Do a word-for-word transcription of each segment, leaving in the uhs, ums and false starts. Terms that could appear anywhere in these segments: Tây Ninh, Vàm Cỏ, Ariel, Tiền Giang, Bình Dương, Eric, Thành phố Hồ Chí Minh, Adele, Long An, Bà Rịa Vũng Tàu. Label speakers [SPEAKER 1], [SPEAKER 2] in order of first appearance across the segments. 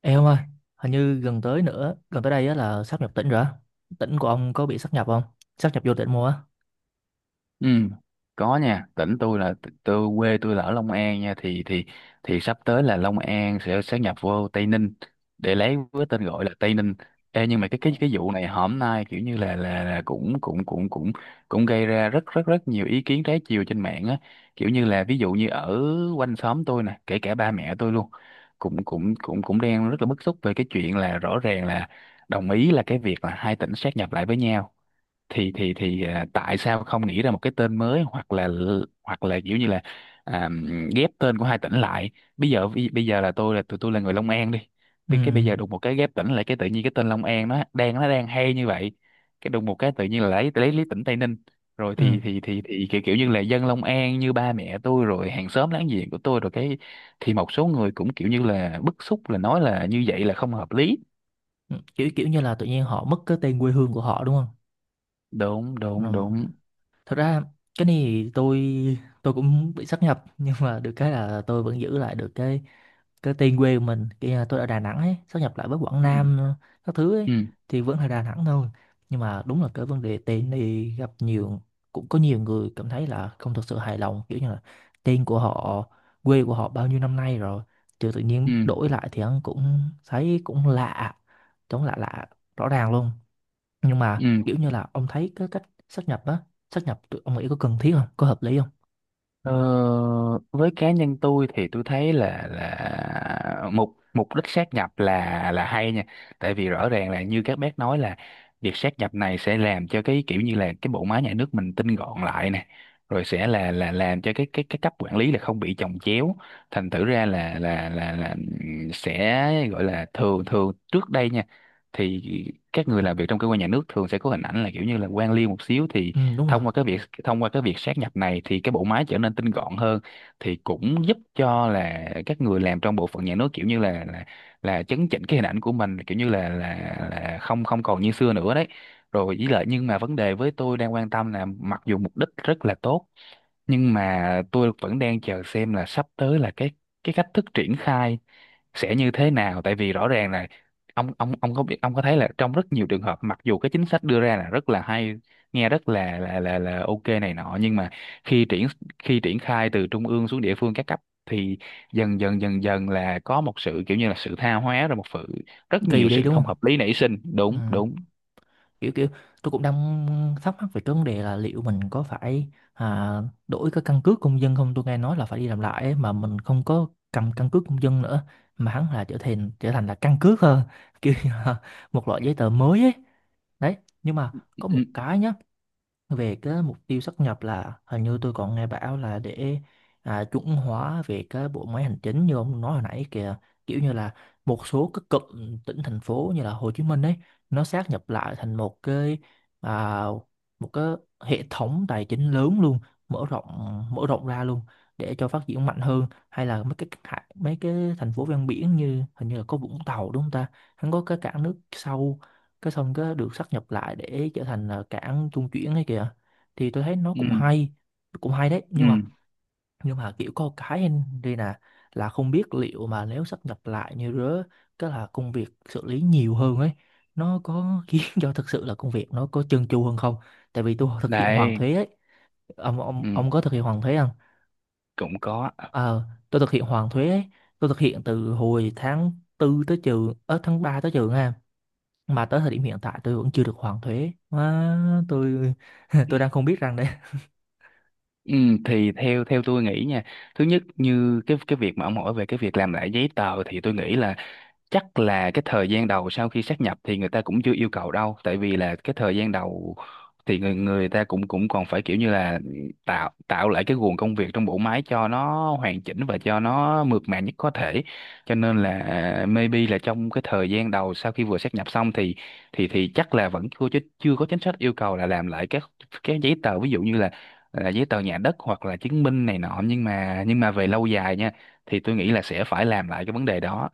[SPEAKER 1] Ê ông ơi, hình như gần tới nữa, gần tới đây á là sáp nhập tỉnh rồi á. Tỉnh của ông có bị sáp nhập không? Sáp nhập vô tỉnh mua á.
[SPEAKER 2] Ừ, có nha, tỉnh tôi là tôi, quê tôi là ở Long An nha. Thì thì thì sắp tới là Long An sẽ sát nhập vô Tây Ninh để lấy với tên gọi là Tây Ninh. Ê, nhưng mà cái
[SPEAKER 1] Ờ,
[SPEAKER 2] cái cái vụ này hôm nay kiểu như là là, là cũng cũng cũng cũng cũng gây ra rất rất rất nhiều ý kiến trái chiều trên mạng á, kiểu như là ví dụ như ở quanh xóm tôi nè, kể cả ba mẹ tôi luôn cũng cũng cũng cũng đang rất là bức xúc về cái chuyện là rõ ràng là đồng ý là cái việc là hai tỉnh sát nhập lại với nhau, thì thì thì à, tại sao không nghĩ ra một cái tên mới, hoặc là hoặc là kiểu như là à, ghép tên của hai tỉnh lại. Bây giờ bây, bây giờ là tôi là tụi tôi là người Long An đi.
[SPEAKER 1] ừ,
[SPEAKER 2] Bi- cái bây giờ đùng một cái ghép tỉnh lại, cái tự nhiên cái tên Long An nó đang nó đang hay như vậy, cái đùng một cái tự nhiên là lấy lấy lấy tỉnh Tây Ninh rồi,
[SPEAKER 1] ừ.
[SPEAKER 2] thì thì thì thì kiểu, kiểu như là dân Long An như ba mẹ tôi rồi hàng xóm láng giềng của tôi rồi cái, thì một số người cũng kiểu như là bức xúc, là nói là như vậy là không hợp lý.
[SPEAKER 1] Kiểu kiểu như là tự nhiên họ mất cái tên quê hương của họ đúng không?
[SPEAKER 2] Đúng,
[SPEAKER 1] Ừ.
[SPEAKER 2] đúng, đúng.
[SPEAKER 1] Thật ra cái này thì tôi tôi cũng bị sáp nhập, nhưng mà được cái là tôi vẫn giữ lại được cái cái tên quê của mình, kia là tôi ở Đà Nẵng ấy, sáp nhập lại với Quảng
[SPEAKER 2] Ừ,
[SPEAKER 1] Nam, ờ, các thứ ấy,
[SPEAKER 2] ừ,
[SPEAKER 1] thì vẫn là Đà Nẵng thôi. Nhưng mà đúng là cái vấn đề tên thì gặp nhiều, cũng có nhiều người cảm thấy là không thực sự hài lòng, kiểu như là tên của họ, quê của họ bao nhiêu năm nay rồi thì tự nhiên
[SPEAKER 2] ừ,
[SPEAKER 1] đổi lại thì hắn cũng thấy cũng lạ, chống lạ lạ, rõ ràng luôn. Nhưng mà
[SPEAKER 2] ừ.
[SPEAKER 1] kiểu như là ông thấy cái cách sát nhập á, sát nhập tụi ông nghĩ có cần thiết không, có hợp lý không?
[SPEAKER 2] Ờ, với cá nhân tôi thì tôi thấy là là mục mục đích sát nhập là là hay nha. Tại vì rõ ràng là như các bác nói là việc sát nhập này sẽ làm cho cái kiểu như là cái bộ máy nhà nước mình tinh gọn lại nè, rồi sẽ là là làm cho cái cái cái cấp quản lý là không bị chồng chéo. Thành thử ra là là là là ừm, sẽ gọi là thường thường trước đây nha, thì các người làm việc trong cơ quan nhà nước thường sẽ có hình ảnh là kiểu như là quan liêu một xíu, thì
[SPEAKER 1] Ừ, đúng rồi,
[SPEAKER 2] thông qua cái việc thông qua cái việc sát nhập này thì cái bộ máy trở nên tinh gọn hơn, thì cũng giúp cho là các người làm trong bộ phận nhà nước kiểu như là là, là chấn chỉnh cái hình ảnh của mình, kiểu như là là là không không còn như xưa nữa đấy. Rồi với lại nhưng mà vấn đề với tôi đang quan tâm là mặc dù mục đích rất là tốt, nhưng mà tôi vẫn đang chờ xem là sắp tới là cái cái cách thức triển khai sẽ như thế nào. Tại vì rõ ràng là ông ông ông có biết ông có thấy là trong rất nhiều trường hợp mặc dù cái chính sách đưa ra là rất là hay, nghe rất là là là là ok này nọ, nhưng mà khi triển khi triển khai từ trung ương xuống địa phương các cấp thì dần dần dần dần là có một sự kiểu như là sự tha hóa, rồi một sự rất
[SPEAKER 1] kỳ
[SPEAKER 2] nhiều
[SPEAKER 1] đi
[SPEAKER 2] sự
[SPEAKER 1] đúng
[SPEAKER 2] không
[SPEAKER 1] không.
[SPEAKER 2] hợp lý nảy sinh. Đúng,
[SPEAKER 1] Ừ.
[SPEAKER 2] đúng.
[SPEAKER 1] kiểu kiểu tôi cũng đang thắc mắc về cái vấn đề là liệu mình có phải à, đổi cái căn cước công dân không, tôi nghe nói là phải đi làm lại ấy, mà mình không có cầm căn cước công dân nữa mà hắn là trở thành trở thành là căn cước hơn kiểu như là một loại giấy tờ mới ấy đấy. Nhưng mà có một
[SPEAKER 2] Ừ,
[SPEAKER 1] cái nhá, về cái mục tiêu sát nhập là hình như tôi còn nghe bảo là để à, chuẩn hóa về cái bộ máy hành chính như ông nói hồi nãy kìa, kiểu như là một số các cụm tỉnh thành phố như là Hồ Chí Minh ấy, nó sát nhập lại thành một cái à, một cái hệ thống tài chính lớn luôn, mở rộng, mở rộng ra luôn, để cho phát triển mạnh hơn, hay là mấy cái mấy cái thành phố ven biển như hình như là có Vũng Tàu đúng không ta, hắn có cái cảng nước sâu, cái xong cái được sáp nhập lại để trở thành là cảng trung chuyển ấy kìa, thì tôi thấy nó cũng
[SPEAKER 2] ừ,
[SPEAKER 1] hay, cũng hay đấy. nhưng mà
[SPEAKER 2] ừ.
[SPEAKER 1] nhưng mà kiểu có một cái em đây nè, là không biết liệu mà nếu sáp nhập lại như rứa, cái là công việc xử lý nhiều hơn ấy, nó có khiến cho thực sự là công việc nó có chân chu hơn không? Tại vì tôi thực hiện hoàn
[SPEAKER 2] Đấy.
[SPEAKER 1] thuế ấy, ông ông
[SPEAKER 2] Ừ,
[SPEAKER 1] ông có thực hiện hoàn thuế không?
[SPEAKER 2] cũng có.
[SPEAKER 1] Ờ, tôi thực hiện hoàn thuế ấy. Tôi thực hiện từ hồi tháng tư tới trường ở tháng ba tới trường ha, mà tới thời điểm hiện tại tôi vẫn chưa được hoàn thuế. Má, tôi tôi đang không biết rằng đấy.
[SPEAKER 2] Ừ, thì theo theo tôi nghĩ nha, thứ nhất như cái cái việc mà ông hỏi về cái việc làm lại giấy tờ thì tôi nghĩ là chắc là cái thời gian đầu sau khi sát nhập thì người ta cũng chưa yêu cầu đâu, tại vì là cái thời gian đầu thì người người ta cũng cũng còn phải kiểu như là tạo tạo lại cái guồng công việc trong bộ máy cho nó hoàn chỉnh và cho nó mượt mà nhất có thể, cho nên là à, maybe là trong cái thời gian đầu sau khi vừa sát nhập xong thì thì thì chắc là vẫn chưa chứ- chưa có chính sách yêu cầu là làm lại các các giấy tờ, ví dụ như là là giấy tờ nhà đất hoặc là chứng minh này nọ, nhưng mà nhưng mà về lâu dài nha, thì tôi nghĩ là sẽ phải làm lại cái vấn đề đó.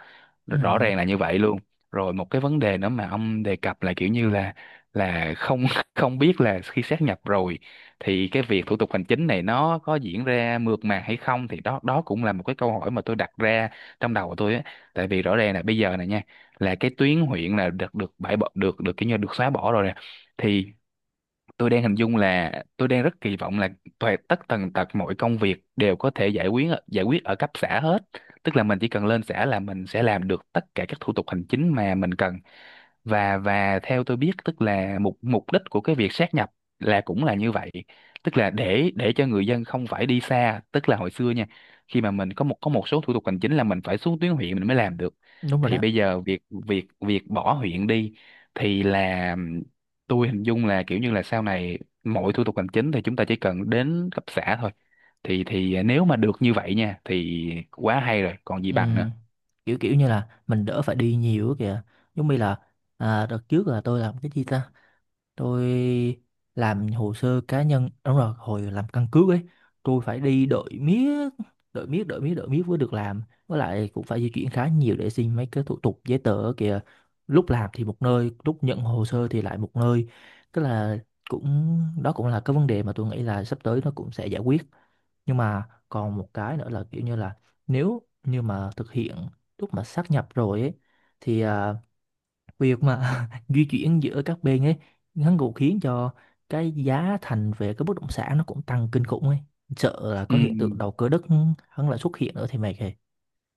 [SPEAKER 1] Ừ,
[SPEAKER 2] Rõ ràng là như vậy luôn. Rồi một cái vấn đề nữa mà ông đề cập là kiểu như là là không không biết là khi sát nhập rồi thì cái việc thủ tục hành chính này nó có diễn ra mượt mà hay không, thì đó đó cũng là một cái câu hỏi mà tôi đặt ra trong đầu của tôi á. Tại vì rõ ràng là bây giờ này nha, là cái tuyến huyện là được được bãi bỏ, được được kiểu như được xóa bỏ rồi nè, thì tôi đang hình dung là tôi đang rất kỳ vọng là toàn tất tần tật mọi công việc đều có thể giải quyết ở- giải quyết ở cấp xã hết, tức là mình chỉ cần lên xã là mình sẽ làm được tất cả các thủ tục hành chính mà mình cần, và và theo tôi biết tức là mục mục đích của cái việc sát nhập là cũng là như vậy, tức là để để cho người dân không phải đi xa. Tức là hồi xưa nha, khi mà mình có một có một số thủ tục hành chính là mình phải xuống tuyến huyện mình mới làm được,
[SPEAKER 1] đúng rồi
[SPEAKER 2] thì
[SPEAKER 1] đó.
[SPEAKER 2] bây giờ việc việc việc bỏ huyện đi thì là tôi hình dung là kiểu như là sau này mọi thủ tục hành chính thì chúng ta chỉ cần đến cấp xã thôi, thì thì nếu mà được như vậy nha thì quá hay rồi còn gì
[SPEAKER 1] Ừ,
[SPEAKER 2] bằng nữa.
[SPEAKER 1] kiểu kiểu như là mình đỡ phải đi nhiều á kìa, giống như là à, đợt trước là tôi làm cái gì ta, tôi làm hồ sơ cá nhân, đúng rồi, hồi làm căn cước ấy, tôi phải đi đợi miết, đợi miết, đợi miết, đợi miết mới được làm, với lại cũng phải di chuyển khá nhiều để xin mấy cái thủ tục giấy tờ ở kìa, lúc làm thì một nơi, lúc nhận hồ sơ thì lại một nơi, tức là cũng đó cũng là cái vấn đề mà tôi nghĩ là sắp tới nó cũng sẽ giải quyết. Nhưng mà còn một cái nữa là kiểu như là, nếu như mà thực hiện, lúc mà sáp nhập rồi ấy, thì à, việc mà di chuyển giữa các bên ấy, hắn cũng khiến cho cái giá thành về cái bất động sản nó cũng tăng kinh khủng ấy, sợ là
[SPEAKER 2] Ừ,
[SPEAKER 1] có hiện tượng đầu cơ đất hắn lại xuất hiện nữa thì mệt rồi.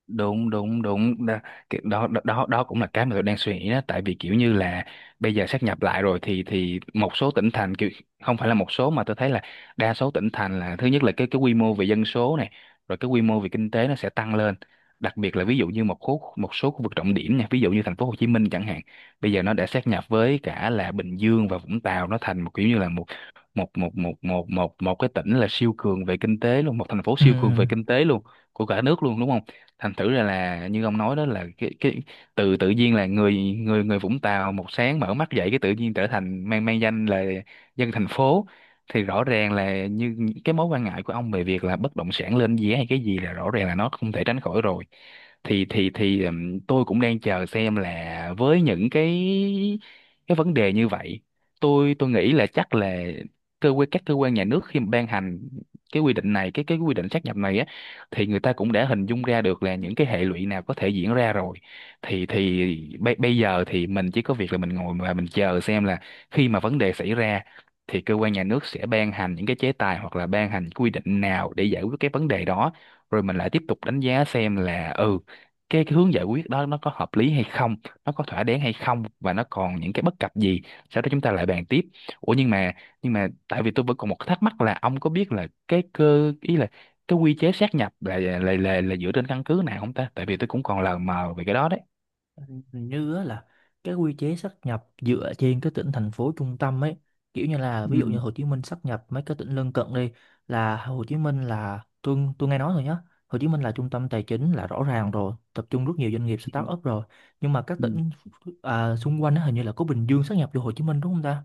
[SPEAKER 2] đúng, đúng, đúng đó. Cái- đó đó đó đó cũng là cái mà tôi đang suy nghĩ đó, tại vì kiểu như là bây giờ sáp nhập lại rồi thì thì một số tỉnh thành kiểu, không phải là một số mà tôi thấy là đa số tỉnh thành là thứ nhất là cái cái quy mô về dân số này, rồi cái quy mô về kinh tế nó sẽ tăng lên, đặc biệt là ví dụ như một khu một số khu vực trọng điểm nha, ví dụ như thành phố Hồ Chí Minh chẳng hạn, bây giờ nó đã sáp nhập với cả là Bình Dương và Vũng Tàu, nó thành một kiểu như là một một một một một một một cái tỉnh là siêu cường về kinh tế luôn, một thành phố
[SPEAKER 1] Ừ.
[SPEAKER 2] siêu cường về kinh tế luôn của cả nước luôn, đúng không. Thành thử ra là như ông nói đó, là cái cái từ tự nhiên là người người người Vũng Tàu một sáng mở mắt dậy cái tự nhiên trở thành mang mang danh là dân thành phố, thì rõ ràng là như cái mối quan ngại của ông về việc là bất động sản lên giá hay cái gì là rõ ràng là nó không thể tránh khỏi rồi. Thì thì thì ừm, tôi cũng đang chờ xem là với những cái cái vấn đề như vậy tôi tôi nghĩ là chắc là cơ quan các cơ quan nhà nước khi mà ban hành cái quy định này cái cái quy định sát nhập này á, thì người ta cũng đã hình dung ra được là những cái hệ lụy nào có thể diễn ra rồi. Thì thì bây, bây giờ thì mình chỉ có việc là mình ngồi và mình chờ xem là khi mà vấn đề xảy ra thì cơ quan nhà nước sẽ ban hành những cái chế tài hoặc là ban hành quy định nào để giải quyết cái vấn đề đó, rồi mình lại tiếp tục đánh giá xem là ừ cái, cái hướng giải quyết đó nó có hợp lý hay không, nó có thỏa đáng hay không, và nó còn những cái bất cập gì, sau đó chúng ta lại bàn tiếp. Ủa, nhưng mà nhưng mà tại vì tôi vẫn còn một cái thắc mắc là ông có biết là cái cơ ý là cái quy chế sát nhập là là là, là dựa trên căn cứ nào không ta, tại vì tôi cũng còn lờ mờ về cái đó đấy.
[SPEAKER 1] Hình như á là cái quy chế sáp nhập dựa trên cái tỉnh thành phố trung tâm ấy, kiểu như là ví
[SPEAKER 2] Ừ.
[SPEAKER 1] dụ như Hồ Chí Minh sáp nhập mấy cái tỉnh lân cận đi, là Hồ Chí Minh là tôi tôi nghe nói thôi nhá, Hồ Chí Minh là trung tâm tài chính là rõ ràng rồi, tập trung rất nhiều doanh nghiệp
[SPEAKER 2] Ừ.
[SPEAKER 1] start up rồi, nhưng mà các
[SPEAKER 2] Ừ.
[SPEAKER 1] tỉnh à, xung quanh á, hình như là có Bình Dương sáp nhập vô Hồ Chí Minh đúng không ta.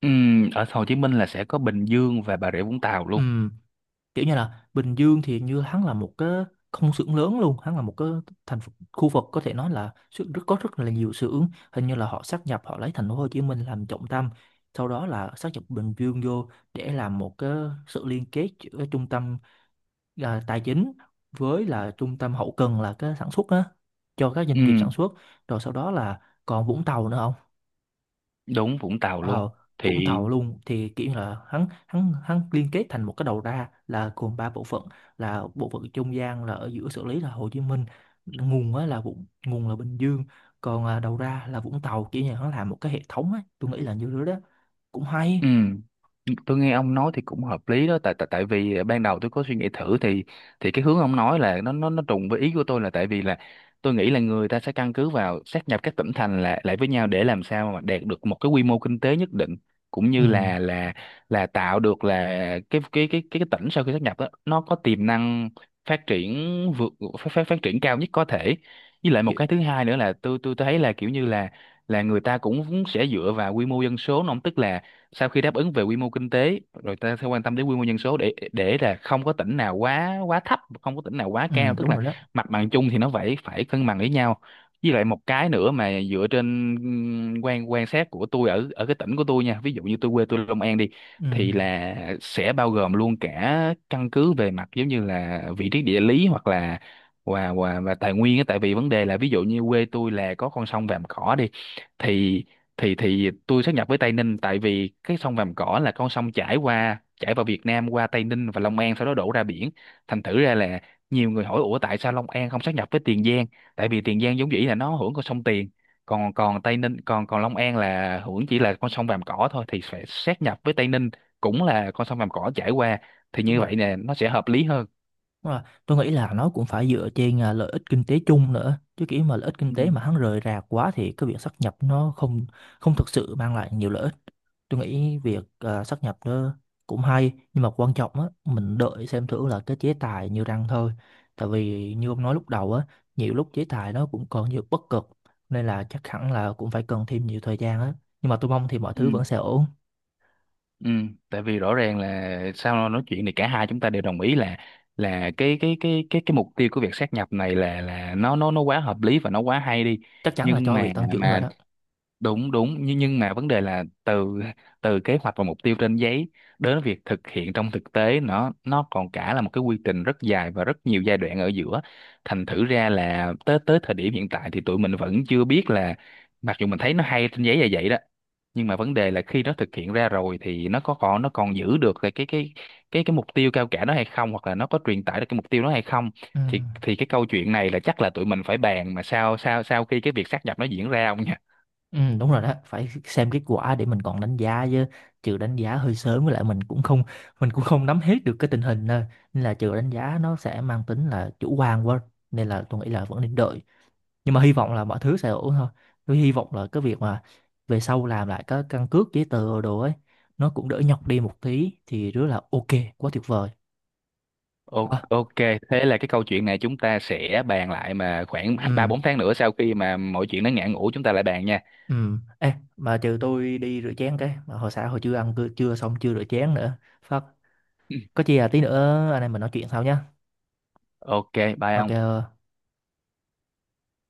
[SPEAKER 2] Ừ, ở Hồ Chí Minh là sẽ có Bình Dương và Bà Rịa Vũng Tàu
[SPEAKER 1] Ừ,
[SPEAKER 2] luôn.
[SPEAKER 1] kiểu như là Bình Dương thì như hắn là một cái công xưởng lớn luôn, hắn là một cái thành phố, khu vực có thể nói là sự- rất có rất là nhiều xưởng, hình như là họ sáp nhập, họ lấy thành phố Hồ Chí Minh làm trọng tâm, sau đó là sáp nhập Bình Dương vô, để làm một cái sự liên kết giữa trung tâm à, tài chính với là trung tâm hậu cần là cái sản xuất á, cho các doanh nghiệp
[SPEAKER 2] Ừ,
[SPEAKER 1] sản xuất, rồi sau đó là còn Vũng Tàu nữa.
[SPEAKER 2] đúng, Vũng Tàu luôn
[SPEAKER 1] Ờ, Vũng
[SPEAKER 2] thì.
[SPEAKER 1] Tàu luôn, thì kiểu như là hắn hắn hắn liên kết thành một cái đầu ra là gồm ba bộ phận, là bộ phận trung gian là ở giữa xử lý là Hồ Chí Minh, nguồn á là Vũng nguồn là Bình Dương, còn à, đầu ra là Vũng Tàu, kiểu như hắn làm một cái hệ thống ấy, tôi nghĩ là như thế đó, cũng hay.
[SPEAKER 2] Ừ. Tôi nghe ông nói thì cũng hợp lý đó, tại tại tại vì à, ban đầu tôi có suy nghĩ thử thì thì cái hướng ông nói là nó nó nó trùng với ý của tôi, là tại vì là tôi nghĩ là người ta sẽ căn cứ vào sát nhập các tỉnh thành lại lại với nhau để làm sao mà đạt được một cái quy mô kinh tế nhất định, cũng
[SPEAKER 1] Ừ,
[SPEAKER 2] như là là là tạo được là cái cái cái cái, cái tỉnh sau khi sát nhập đó nó có tiềm năng phát triển vượt phát, phát phát triển cao nhất có thể. Với lại một
[SPEAKER 1] kiểu,
[SPEAKER 2] cái thứ hai nữa là tôi tôi thấy là kiểu như là là người ta cũng sẽ dựa vào quy mô dân số nó, tức là sau khi đáp ứng về quy mô kinh tế rồi ta sẽ quan tâm đến quy mô dân số, để để là không có tỉnh nào quá quá thấp, không có tỉnh nào quá
[SPEAKER 1] ừ
[SPEAKER 2] cao, tức
[SPEAKER 1] đúng
[SPEAKER 2] là
[SPEAKER 1] rồi đó.
[SPEAKER 2] mặt bằng chung thì nó phải phải cân bằng với nhau. Với lại một cái nữa mà dựa trên ừm, quan quan sát của tôi ở ở cái tỉnh của tôi nha, ví dụ như tôi quê tôi Long An đi
[SPEAKER 1] Ừ,
[SPEAKER 2] thì là sẽ bao gồm luôn cả căn cứ về mặt giống như là vị trí địa lý, hoặc là và và và tài nguyên á, tại vì vấn đề là ví dụ như quê tôi là có con sông Vàm Cỏ đi thì thì thì tôi sát nhập với Tây Ninh, tại vì cái sông Vàm Cỏ là con sông chảy qua chảy vào Việt Nam qua Tây Ninh và Long An sau đó đổ ra biển. Thành thử ra là nhiều người hỏi ủa tại sao Long An không sát nhập với Tiền Giang, tại vì Tiền Giang vốn dĩ là nó hưởng con sông Tiền, còn còn Tây Ninh, còn còn Long An là hưởng chỉ là con sông Vàm Cỏ thôi, thì phải sát nhập với Tây Ninh cũng là con sông Vàm Cỏ chảy qua, thì
[SPEAKER 1] đúng
[SPEAKER 2] như
[SPEAKER 1] rồi.
[SPEAKER 2] vậy nè nó sẽ hợp lý hơn.
[SPEAKER 1] Đúng rồi. Tôi nghĩ là nó cũng phải dựa trên à, lợi ích kinh tế chung nữa chứ, kiểu mà lợi ích kinh
[SPEAKER 2] Ừ.
[SPEAKER 1] tế mà hắn rời rạc quá thì cái việc sáp nhập nó không không thực sự mang lại nhiều lợi ích. Tôi nghĩ việc à, sát nhập nó cũng hay, nhưng mà quan trọng á mình đợi xem thử là cái chế tài như răng thôi. Tại vì như ông nói lúc đầu á, nhiều lúc chế tài nó cũng còn nhiều bất cập, nên là chắc hẳn là cũng phải cần thêm nhiều thời gian á. Nhưng mà tôi mong thì mọi
[SPEAKER 2] Ừ.
[SPEAKER 1] thứ vẫn sẽ ổn.
[SPEAKER 2] Ừ, tại vì rõ ràng là sau nói chuyện thì cả hai chúng ta đều đồng ý là là cái cái cái cái cái mục tiêu của việc sát nhập này là là nó nó nó quá hợp lý và nó quá hay đi,
[SPEAKER 1] Chắc chắn là
[SPEAKER 2] nhưng
[SPEAKER 1] cho
[SPEAKER 2] mà
[SPEAKER 1] việc tăng trưởng rồi
[SPEAKER 2] mà
[SPEAKER 1] đó.
[SPEAKER 2] đúng, đúng, nhưng nhưng mà vấn đề là từ từ kế hoạch và mục tiêu trên giấy đến việc thực hiện trong thực tế, nó nó còn cả là một cái quy trình rất dài và rất nhiều giai đoạn ở giữa, thành thử ra là tới tới thời điểm hiện tại thì tụi mình vẫn chưa biết là mặc dù mình thấy nó hay trên giấy là vậy đó, nhưng mà vấn đề là khi nó thực hiện ra rồi thì nó có còn nó còn giữ được cái cái cái cái cái mục tiêu cao cả đó hay không, hoặc là nó có truyền tải được cái mục tiêu đó hay không.
[SPEAKER 1] Ừ.
[SPEAKER 2] Thì thì cái câu chuyện này là chắc là tụi mình phải bàn mà sau sau sau khi cái việc sát nhập nó diễn ra, ông nhỉ.
[SPEAKER 1] Ừ, đúng rồi đó, phải xem kết quả để mình còn đánh giá chứ, trừ đánh giá hơi sớm, với lại mình cũng không mình cũng không nắm hết được cái tình hình nên, nên là trừ đánh giá nó sẽ mang tính là chủ quan quá, nên là tôi nghĩ là vẫn nên đợi, nhưng mà hy vọng là mọi thứ sẽ ổn thôi, tôi hy vọng là cái việc mà về sau làm lại cái căn cước giấy tờ đồ ấy nó cũng đỡ nhọc đi một tí thì rất là ok, quá tuyệt vời.
[SPEAKER 2] O-
[SPEAKER 1] Quá.
[SPEAKER 2] Ok, thế là cái câu chuyện này chúng ta sẽ bàn lại mà khoảng ba
[SPEAKER 1] Ừ,
[SPEAKER 2] bốn tháng nữa sau khi mà mọi chuyện nó ngã ngũ, chúng ta lại bàn nha.
[SPEAKER 1] ừ, ê mà trừ tôi đi rửa chén cái mà hồi sáng hồi chưa ăn cư- chưa xong, chưa rửa chén nữa phát, có chi là tí nữa anh em mình nói chuyện sau nhá.
[SPEAKER 2] Ok, bye
[SPEAKER 1] Ok,
[SPEAKER 2] ông.
[SPEAKER 1] ờ.